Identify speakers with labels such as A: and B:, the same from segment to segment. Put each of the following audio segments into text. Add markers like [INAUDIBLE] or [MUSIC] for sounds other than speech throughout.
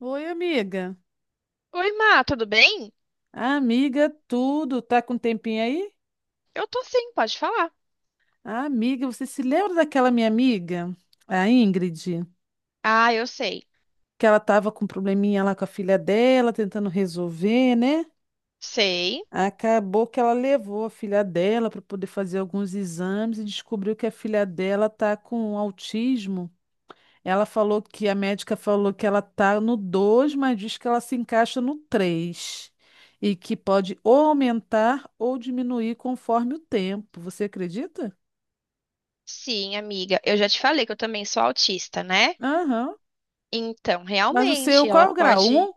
A: Oi, amiga.
B: Oi, Má, tudo bem?
A: Amiga, tudo. Tá com um tempinho aí?
B: Eu tô sim, pode falar.
A: Ah, amiga, você se lembra daquela minha amiga, a Ingrid,
B: Ah, eu sei.
A: que ela tava com um probleminha lá com a filha dela, tentando resolver, né?
B: Sei.
A: Acabou que ela levou a filha dela para poder fazer alguns exames e descobriu que a filha dela tá com autismo. Ela falou que a médica falou que ela tá no 2, mas diz que ela se encaixa no 3 e que pode ou aumentar ou diminuir conforme o tempo. Você acredita?
B: Sim, amiga. Eu já te falei que eu também sou autista, né?
A: Aham.
B: Então,
A: Mas o seu,
B: realmente,
A: qual
B: ela
A: é o grau? Um?
B: pode.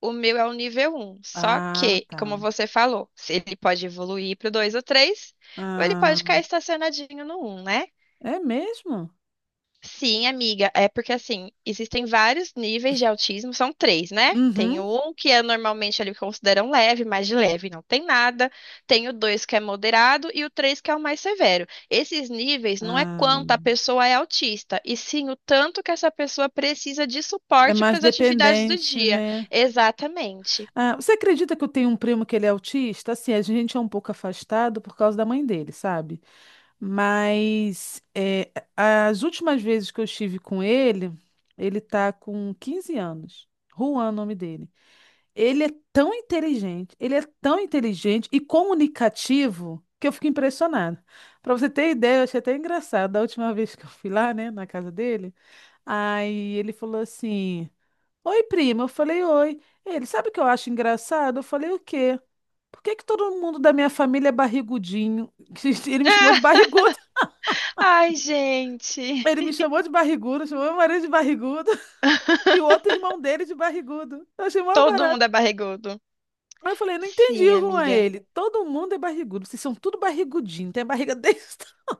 B: O meu é o nível um. Só
A: Ah,
B: que,
A: tá.
B: como você falou, se ele pode evoluir pro 2 ou 3, ou ele pode
A: Ah,
B: ficar estacionadinho no um, né?
A: é mesmo?
B: Sim, amiga, é porque assim, existem vários níveis de autismo, são três, né? Tem
A: Uhum.
B: um que é normalmente eles consideram leve, mais de leve não tem nada. Tem o dois que é moderado e o três que é o mais severo. Esses níveis não é
A: Ah,
B: quanto a pessoa é autista, e sim o tanto que essa pessoa precisa de
A: é
B: suporte para
A: mais
B: as atividades do
A: dependente,
B: dia.
A: né?
B: Exatamente.
A: Ah, você acredita que eu tenho um primo que ele é autista? Assim, a gente é um pouco afastado por causa da mãe dele, sabe? Mas é, as últimas vezes que eu estive com ele, ele tá com 15 anos. Juan, é o nome dele. Ele é tão inteligente, ele é tão inteligente e comunicativo que eu fico impressionada. Para você ter ideia, eu achei até engraçado. Da última vez que eu fui lá, né, na casa dele, aí ele falou assim: Oi, prima. Eu falei: Oi. Ele, sabe o que eu acho engraçado? Eu falei: O quê? Por que que todo mundo da minha família é barrigudinho? [LAUGHS] Ele me chamou de barrigudo.
B: [LAUGHS] Ai, gente,
A: Ele me chamou de barrigudo, chamou meu marido de barrigudo [LAUGHS] e o outro irmão dele de barrigudo. Eu achei mó
B: todo
A: barato.
B: mundo é barrigudo.
A: Aí eu falei, não entendi
B: Sim,
A: o rumo a
B: amiga.
A: ele. Todo mundo é barrigudo, vocês são tudo barrigudinho, tem a barriga [LAUGHS] desse tamanho.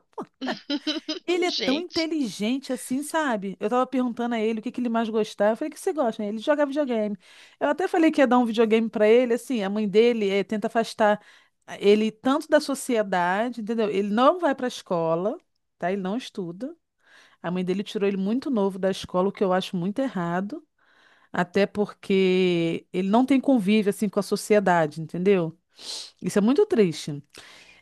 A: Ele
B: [LAUGHS]
A: é tão
B: Gente.
A: inteligente assim, sabe? Eu tava perguntando a ele o que que ele mais gostava. Eu falei, o que você gosta? Ele joga videogame. Eu até falei que ia dar um videogame pra ele, assim, a mãe dele tenta afastar ele tanto da sociedade, entendeu? Ele não vai pra escola, tá? Ele não estuda. A mãe dele tirou ele muito novo da escola, o que eu acho muito errado, até porque ele não tem convívio assim com a sociedade, entendeu? Isso é muito triste.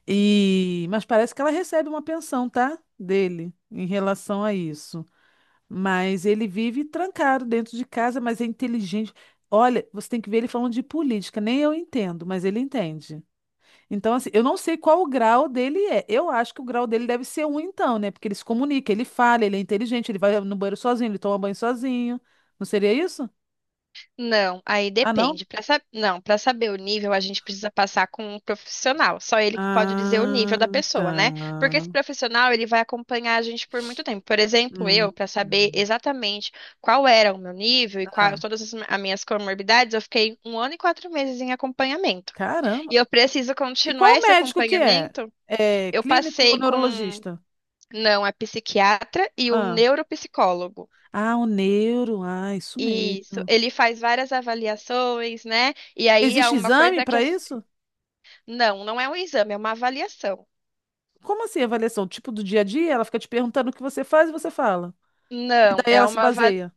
A: E mas parece que ela recebe uma pensão, tá? Dele em relação a isso. Mas ele vive trancado dentro de casa, mas é inteligente. Olha, você tem que ver ele falando de política, nem eu entendo, mas ele entende. Então, assim, eu não sei qual o grau dele é. Eu acho que o grau dele deve ser um, então, né? Porque ele se comunica, ele fala, ele é inteligente, ele vai no banheiro sozinho, ele toma banho sozinho. Não seria isso?
B: Não, aí
A: Ah, não?
B: depende. Para Não, para saber o nível, a gente precisa passar com um profissional. Só ele que pode dizer o
A: Ah,
B: nível da
A: tá.
B: pessoa, né? Porque esse profissional, ele vai acompanhar a gente por muito tempo. Por exemplo, eu,
A: Hum.
B: para saber exatamente qual era o meu nível e quais
A: Ah,
B: todas as as minhas comorbidades, eu fiquei um ano e 4 meses em acompanhamento.
A: caramba.
B: E eu preciso
A: E
B: continuar
A: qual
B: esse
A: médico que é?
B: acompanhamento.
A: É
B: Eu
A: clínico ou
B: passei com,
A: neurologista?
B: não, é psiquiatra e o
A: Ah,
B: neuropsicólogo.
A: ah, o neuro. Ah, isso
B: Isso,
A: mesmo.
B: ele faz várias avaliações, né? E aí há
A: Existe
B: uma
A: exame
B: coisa que
A: para
B: é.
A: isso?
B: Não, não é um exame, é uma avaliação.
A: Como assim, avaliação? Tipo do dia a dia? Ela fica te perguntando o que você faz e você fala. E
B: Não,
A: daí
B: é
A: ela se
B: uma avaliação.
A: baseia.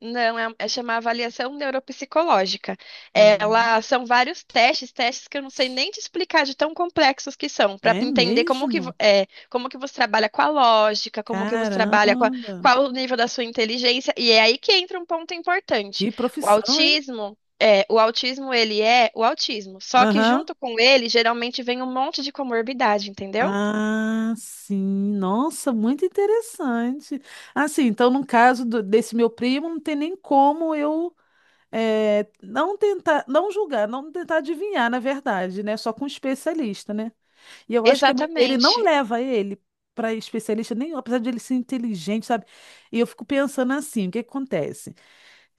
B: Não, é chamar avaliação neuropsicológica.
A: Hum,
B: Ela são vários testes, testes que eu não sei nem te explicar de tão complexos que são, para
A: é
B: entender como que,
A: mesmo?
B: como que você trabalha com a lógica, como que você trabalha com a-
A: Caramba!
B: qual o nível da sua inteligência, e é aí que entra um ponto importante.
A: Que
B: O
A: profissão, hein?
B: autismo, é, o autismo ele é o autismo, só que
A: Aham.
B: junto com ele geralmente vem um monte de comorbidade, entendeu?
A: Ah, sim. Nossa, muito interessante. Assim, então, no caso desse meu primo, não tem nem como eu não tentar, não julgar, não tentar adivinhar, na verdade, né? Só com um especialista, né? E eu acho que a mãe dele não
B: Exatamente.
A: leva ele para especialista nenhum, apesar de ele ser inteligente, sabe? E eu fico pensando assim, o que que acontece?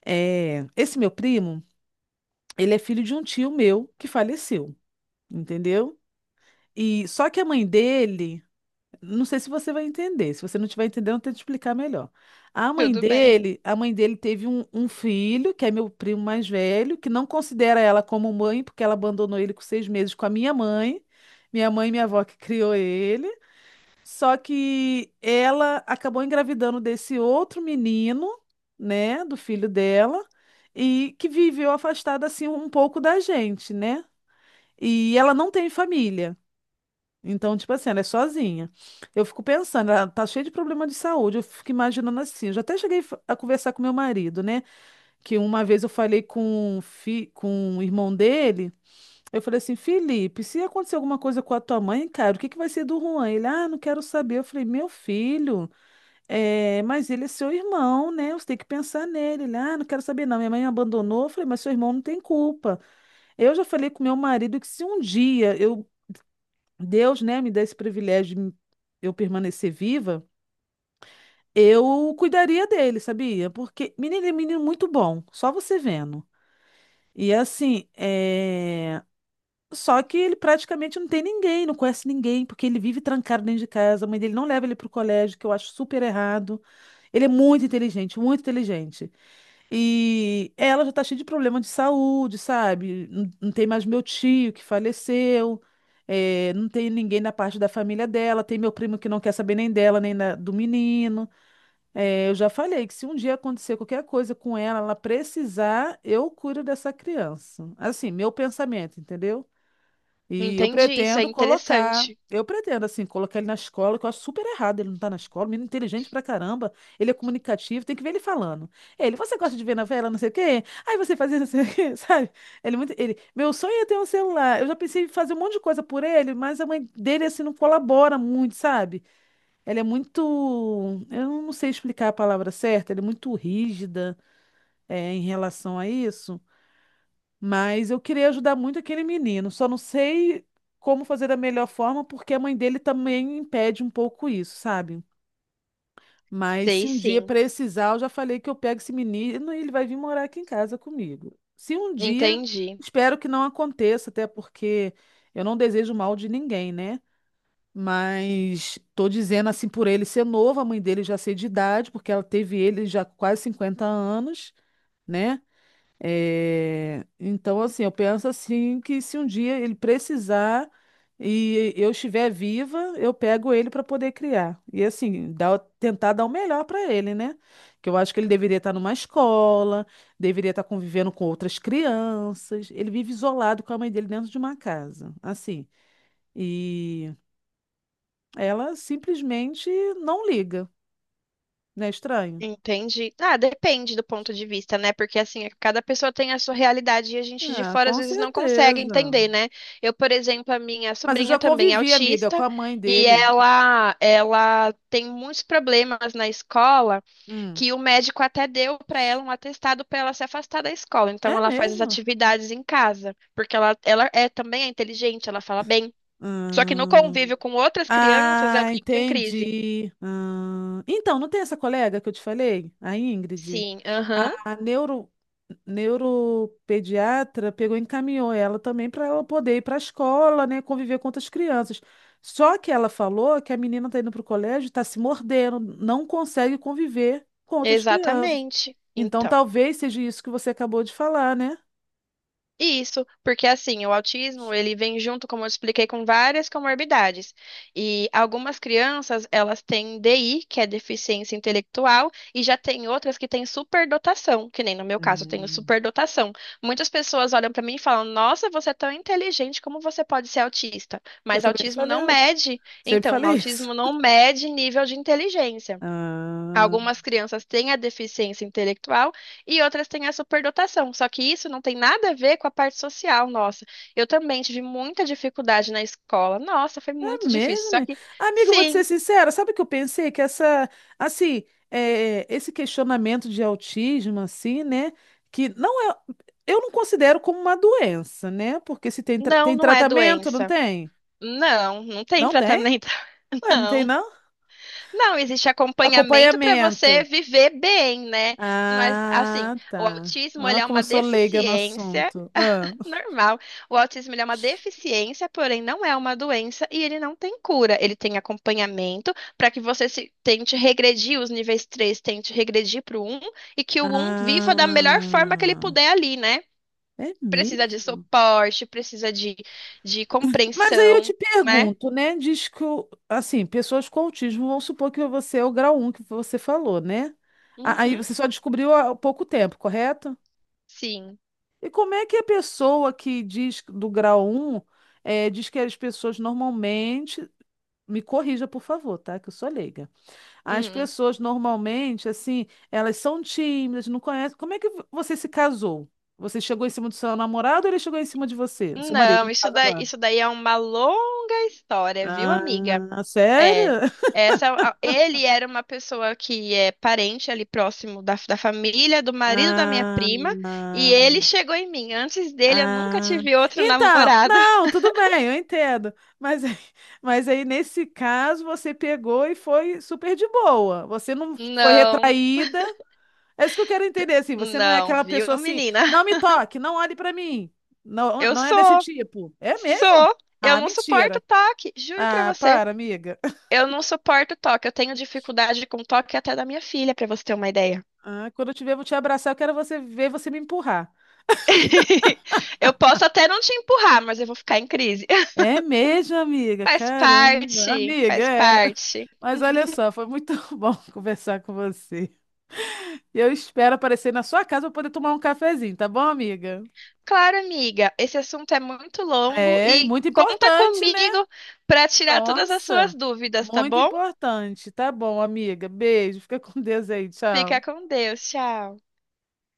A: Esse meu primo. Ele é filho de um tio meu que faleceu, entendeu? E só que a mãe dele, não sei se você vai entender. Se você não tiver entendendo, eu tento explicar melhor. A mãe
B: Tudo bem.
A: dele, a mãe dele teve um filho, que é meu primo mais velho, que não considera ela como mãe, porque ela abandonou ele com 6 meses com a minha mãe. Minha mãe e minha avó que criou ele. Só que ela acabou engravidando desse outro menino, né, do filho dela, e que viveu afastada assim um pouco da gente, né? E ela não tem família. Então, tipo assim, ela é sozinha. Eu fico pensando, ela tá cheia de problema de saúde. Eu fico imaginando assim. Eu já até cheguei a conversar com meu marido, né? Que uma vez eu falei com, com o irmão dele. Eu falei assim, Felipe, se acontecer alguma coisa com a tua mãe, cara, o que que vai ser do Juan? Ele, ah, não quero saber. Eu falei, meu filho, é, mas ele é seu irmão, né? Você tem que pensar nele. Ele, ah, não quero saber não. Minha mãe me abandonou. Eu falei, mas seu irmão não tem culpa. Eu já falei com meu marido que se um dia eu Deus, né, me dá esse privilégio de eu permanecer viva, eu cuidaria dele, sabia? Porque, menino, ele é um menino muito bom, só você vendo. E assim, é, só que ele praticamente não tem ninguém, não conhece ninguém, porque ele vive trancado dentro de casa, a mãe dele não leva ele pro colégio, que eu acho super errado. Ele é muito inteligente, muito inteligente. E ela já tá cheia de problema de saúde, sabe? Não, não tem mais meu tio que faleceu, não tem ninguém na parte da família dela, tem meu primo que não quer saber nem dela, nem do menino. Eu já falei que se um dia acontecer qualquer coisa com ela, ela precisar, eu cuido dessa criança. Assim, meu pensamento, entendeu? E eu
B: Entendi, isso é
A: pretendo colocar,
B: interessante.
A: eu pretendo, assim, colocar ele na escola, que eu acho super errado ele não estar na escola, menino inteligente pra caramba, ele é comunicativo, tem que ver ele falando. Ele, você gosta de ver novela, não sei o quê? Aí você faz isso, [LAUGHS] não sei o quê, [LAUGHS] sabe? Ele, é muito, ele, meu sonho é ter um celular, eu já pensei em fazer um monte de coisa por ele, mas a mãe dele, assim, não colabora muito, sabe? Ela é muito, eu não sei explicar a palavra certa, ela é muito rígida, é, em relação a isso. Mas eu queria ajudar muito aquele menino, só não sei como fazer da melhor forma, porque a mãe dele também impede um pouco isso, sabe? Mas se
B: Sei
A: um dia
B: sim.
A: precisar, eu já falei que eu pego esse menino e ele vai vir morar aqui em casa comigo. Se um dia,
B: Entendi.
A: espero que não aconteça, até porque eu não desejo mal de ninguém, né? Mas tô dizendo assim por ele ser novo, a mãe dele já ser de idade, porque ela teve ele já com quase 50 anos, né? É, então, assim, eu penso assim que se um dia ele precisar e eu estiver viva, eu pego ele para poder criar. E assim, tentar dar o melhor para ele, né? Que eu acho que ele deveria estar numa escola, deveria estar convivendo com outras crianças. Ele vive isolado com a mãe dele dentro de uma casa, assim. E ela simplesmente não liga, né? Estranho.
B: Entendi. Ah, depende do ponto de vista, né? Porque assim, cada pessoa tem a sua realidade e a gente de
A: Ah,
B: fora às
A: com
B: vezes não
A: certeza.
B: consegue entender, né? Eu, por exemplo, a minha
A: Mas eu
B: sobrinha
A: já
B: também é
A: convivi, amiga, com
B: autista
A: a mãe
B: e
A: dele.
B: ela tem muitos problemas na escola
A: Hum.
B: que o médico até deu para ela um atestado para ela se afastar da escola. Então
A: É
B: ela faz as
A: mesmo?
B: atividades em casa, porque ela também é inteligente, ela fala bem. Só que no
A: Hum.
B: convívio com outras crianças, ela
A: Ah,
B: entra em crise.
A: entendi. Hum. Então, não tem essa colega que eu te falei? A Ingrid?
B: Sim, aham,
A: A neuropediatra pegou e encaminhou ela também para ela poder ir para a escola, né, conviver com outras crianças. Só que ela falou que a menina está indo para o colégio, está se mordendo, não consegue conviver com outras crianças.
B: exatamente.
A: Então,
B: Então,
A: talvez seja isso que você acabou de falar, né?
B: isso, porque assim, o autismo, ele vem junto, como eu expliquei, com várias comorbidades. E algumas crianças, elas têm DI, que é deficiência intelectual, e já tem outras que têm superdotação, que nem no meu caso, eu tenho
A: Hum.
B: superdotação. Muitas pessoas olham para mim e falam: "Nossa, você é tão inteligente, como você pode ser autista?"
A: Eu
B: Mas
A: também
B: autismo
A: falei,
B: não mede,
A: sempre
B: então,
A: falei isso.
B: autismo não mede nível de inteligência.
A: Ah.
B: Algumas crianças têm a deficiência intelectual e outras têm a superdotação. Só que isso não tem nada a ver com a parte social, nossa. Eu também tive muita dificuldade na escola. Nossa, foi
A: É
B: muito difícil.
A: mesmo,
B: Só
A: né?
B: que,
A: Amiga, eu vou te ser
B: sim,
A: sincera, sabe o que eu pensei? Que essa, assim, é, esse questionamento de autismo, assim, né? Que não é, eu não considero como uma doença, né? Porque se tem,
B: não,
A: tem
B: não é
A: tratamento, não
B: doença.
A: tem?
B: Não, não tem
A: Não tem?
B: tratamento, [LAUGHS]
A: Ué, não tem,
B: não.
A: não?
B: Não, existe acompanhamento para você
A: Acompanhamento.
B: viver bem, né? Mas, assim,
A: Ah,
B: o
A: tá.
B: autismo, ele
A: Ah,
B: é
A: como eu
B: uma
A: sou leiga no
B: deficiência.
A: assunto. Ah,
B: Normal. O autismo ele é uma deficiência, porém não é uma doença e ele não tem cura. Ele tem acompanhamento para que você se tente regredir os níveis 3, tente regredir para o um e que o um viva da melhor forma que ele
A: ah
B: puder ali, né?
A: é
B: Precisa de
A: mesmo?
B: suporte, precisa de
A: Mas aí eu te
B: compreensão, né?
A: pergunto, né? Diz que, assim, pessoas com autismo, vamos supor que você é o grau um que você falou, né? Aí
B: Uhum,
A: você só descobriu há pouco tempo, correto?
B: sim.
A: E como é que a pessoa que diz do grau um diz que as pessoas normalmente, me corrija, por favor, tá? Que eu sou leiga. As
B: Hum.
A: pessoas normalmente, assim, elas são tímidas, não conhecem. Como é que você se casou? Você chegou em cima do seu namorado ou ele chegou em cima de você, do
B: Hum.
A: seu marido?
B: Não,
A: No
B: isso
A: caso
B: daí,
A: agora.
B: isso daí é uma longa história, viu, amiga?
A: Ah,
B: É,
A: sério?
B: ele era uma pessoa que é parente ali próximo da família, do marido da minha
A: Ah,
B: prima, e
A: ah.
B: ele chegou em mim. Antes dele, eu nunca
A: Ah.
B: tive outro [LAUGHS]
A: Então,
B: namorado.
A: não, tudo bem, eu entendo. Mas, [LAUGHS] mas aí, nesse caso, você pegou e foi super de boa. Você não foi
B: Não,
A: retraída. É isso que eu quero entender, assim. Você não é
B: não,
A: aquela
B: viu,
A: pessoa assim,
B: menina?
A: não me toque, não olhe pra mim. Não,
B: Eu
A: não é desse
B: sou,
A: tipo. É mesmo?
B: sou. Eu
A: Ah,
B: não suporto
A: mentira.
B: toque, juro pra
A: Ah,
B: você.
A: para, amiga. [LAUGHS]
B: Eu não suporto toque. Eu tenho dificuldade com toque até da minha filha, pra você ter uma ideia.
A: Ah, quando eu te ver, eu vou te abraçar. Eu quero você ver você me empurrar.
B: [LAUGHS] Eu posso até não te empurrar, mas eu vou ficar em crise. [LAUGHS]
A: É mesmo, amiga.
B: Faz
A: Caramba,
B: parte,
A: amiga,
B: faz
A: é.
B: parte.
A: Mas olha só, foi muito [LAUGHS] bom conversar com você. E eu espero aparecer na sua casa para poder tomar um cafezinho, tá bom, amiga?
B: Claro, amiga. Esse assunto é muito longo
A: É, e
B: e
A: muito
B: conta
A: importante, né?
B: comigo para tirar todas as suas
A: Nossa,
B: dúvidas, tá
A: muito
B: bom?
A: importante. Tá bom, amiga. Beijo, fica com Deus aí,
B: Fica
A: tchau.
B: com Deus. Tchau.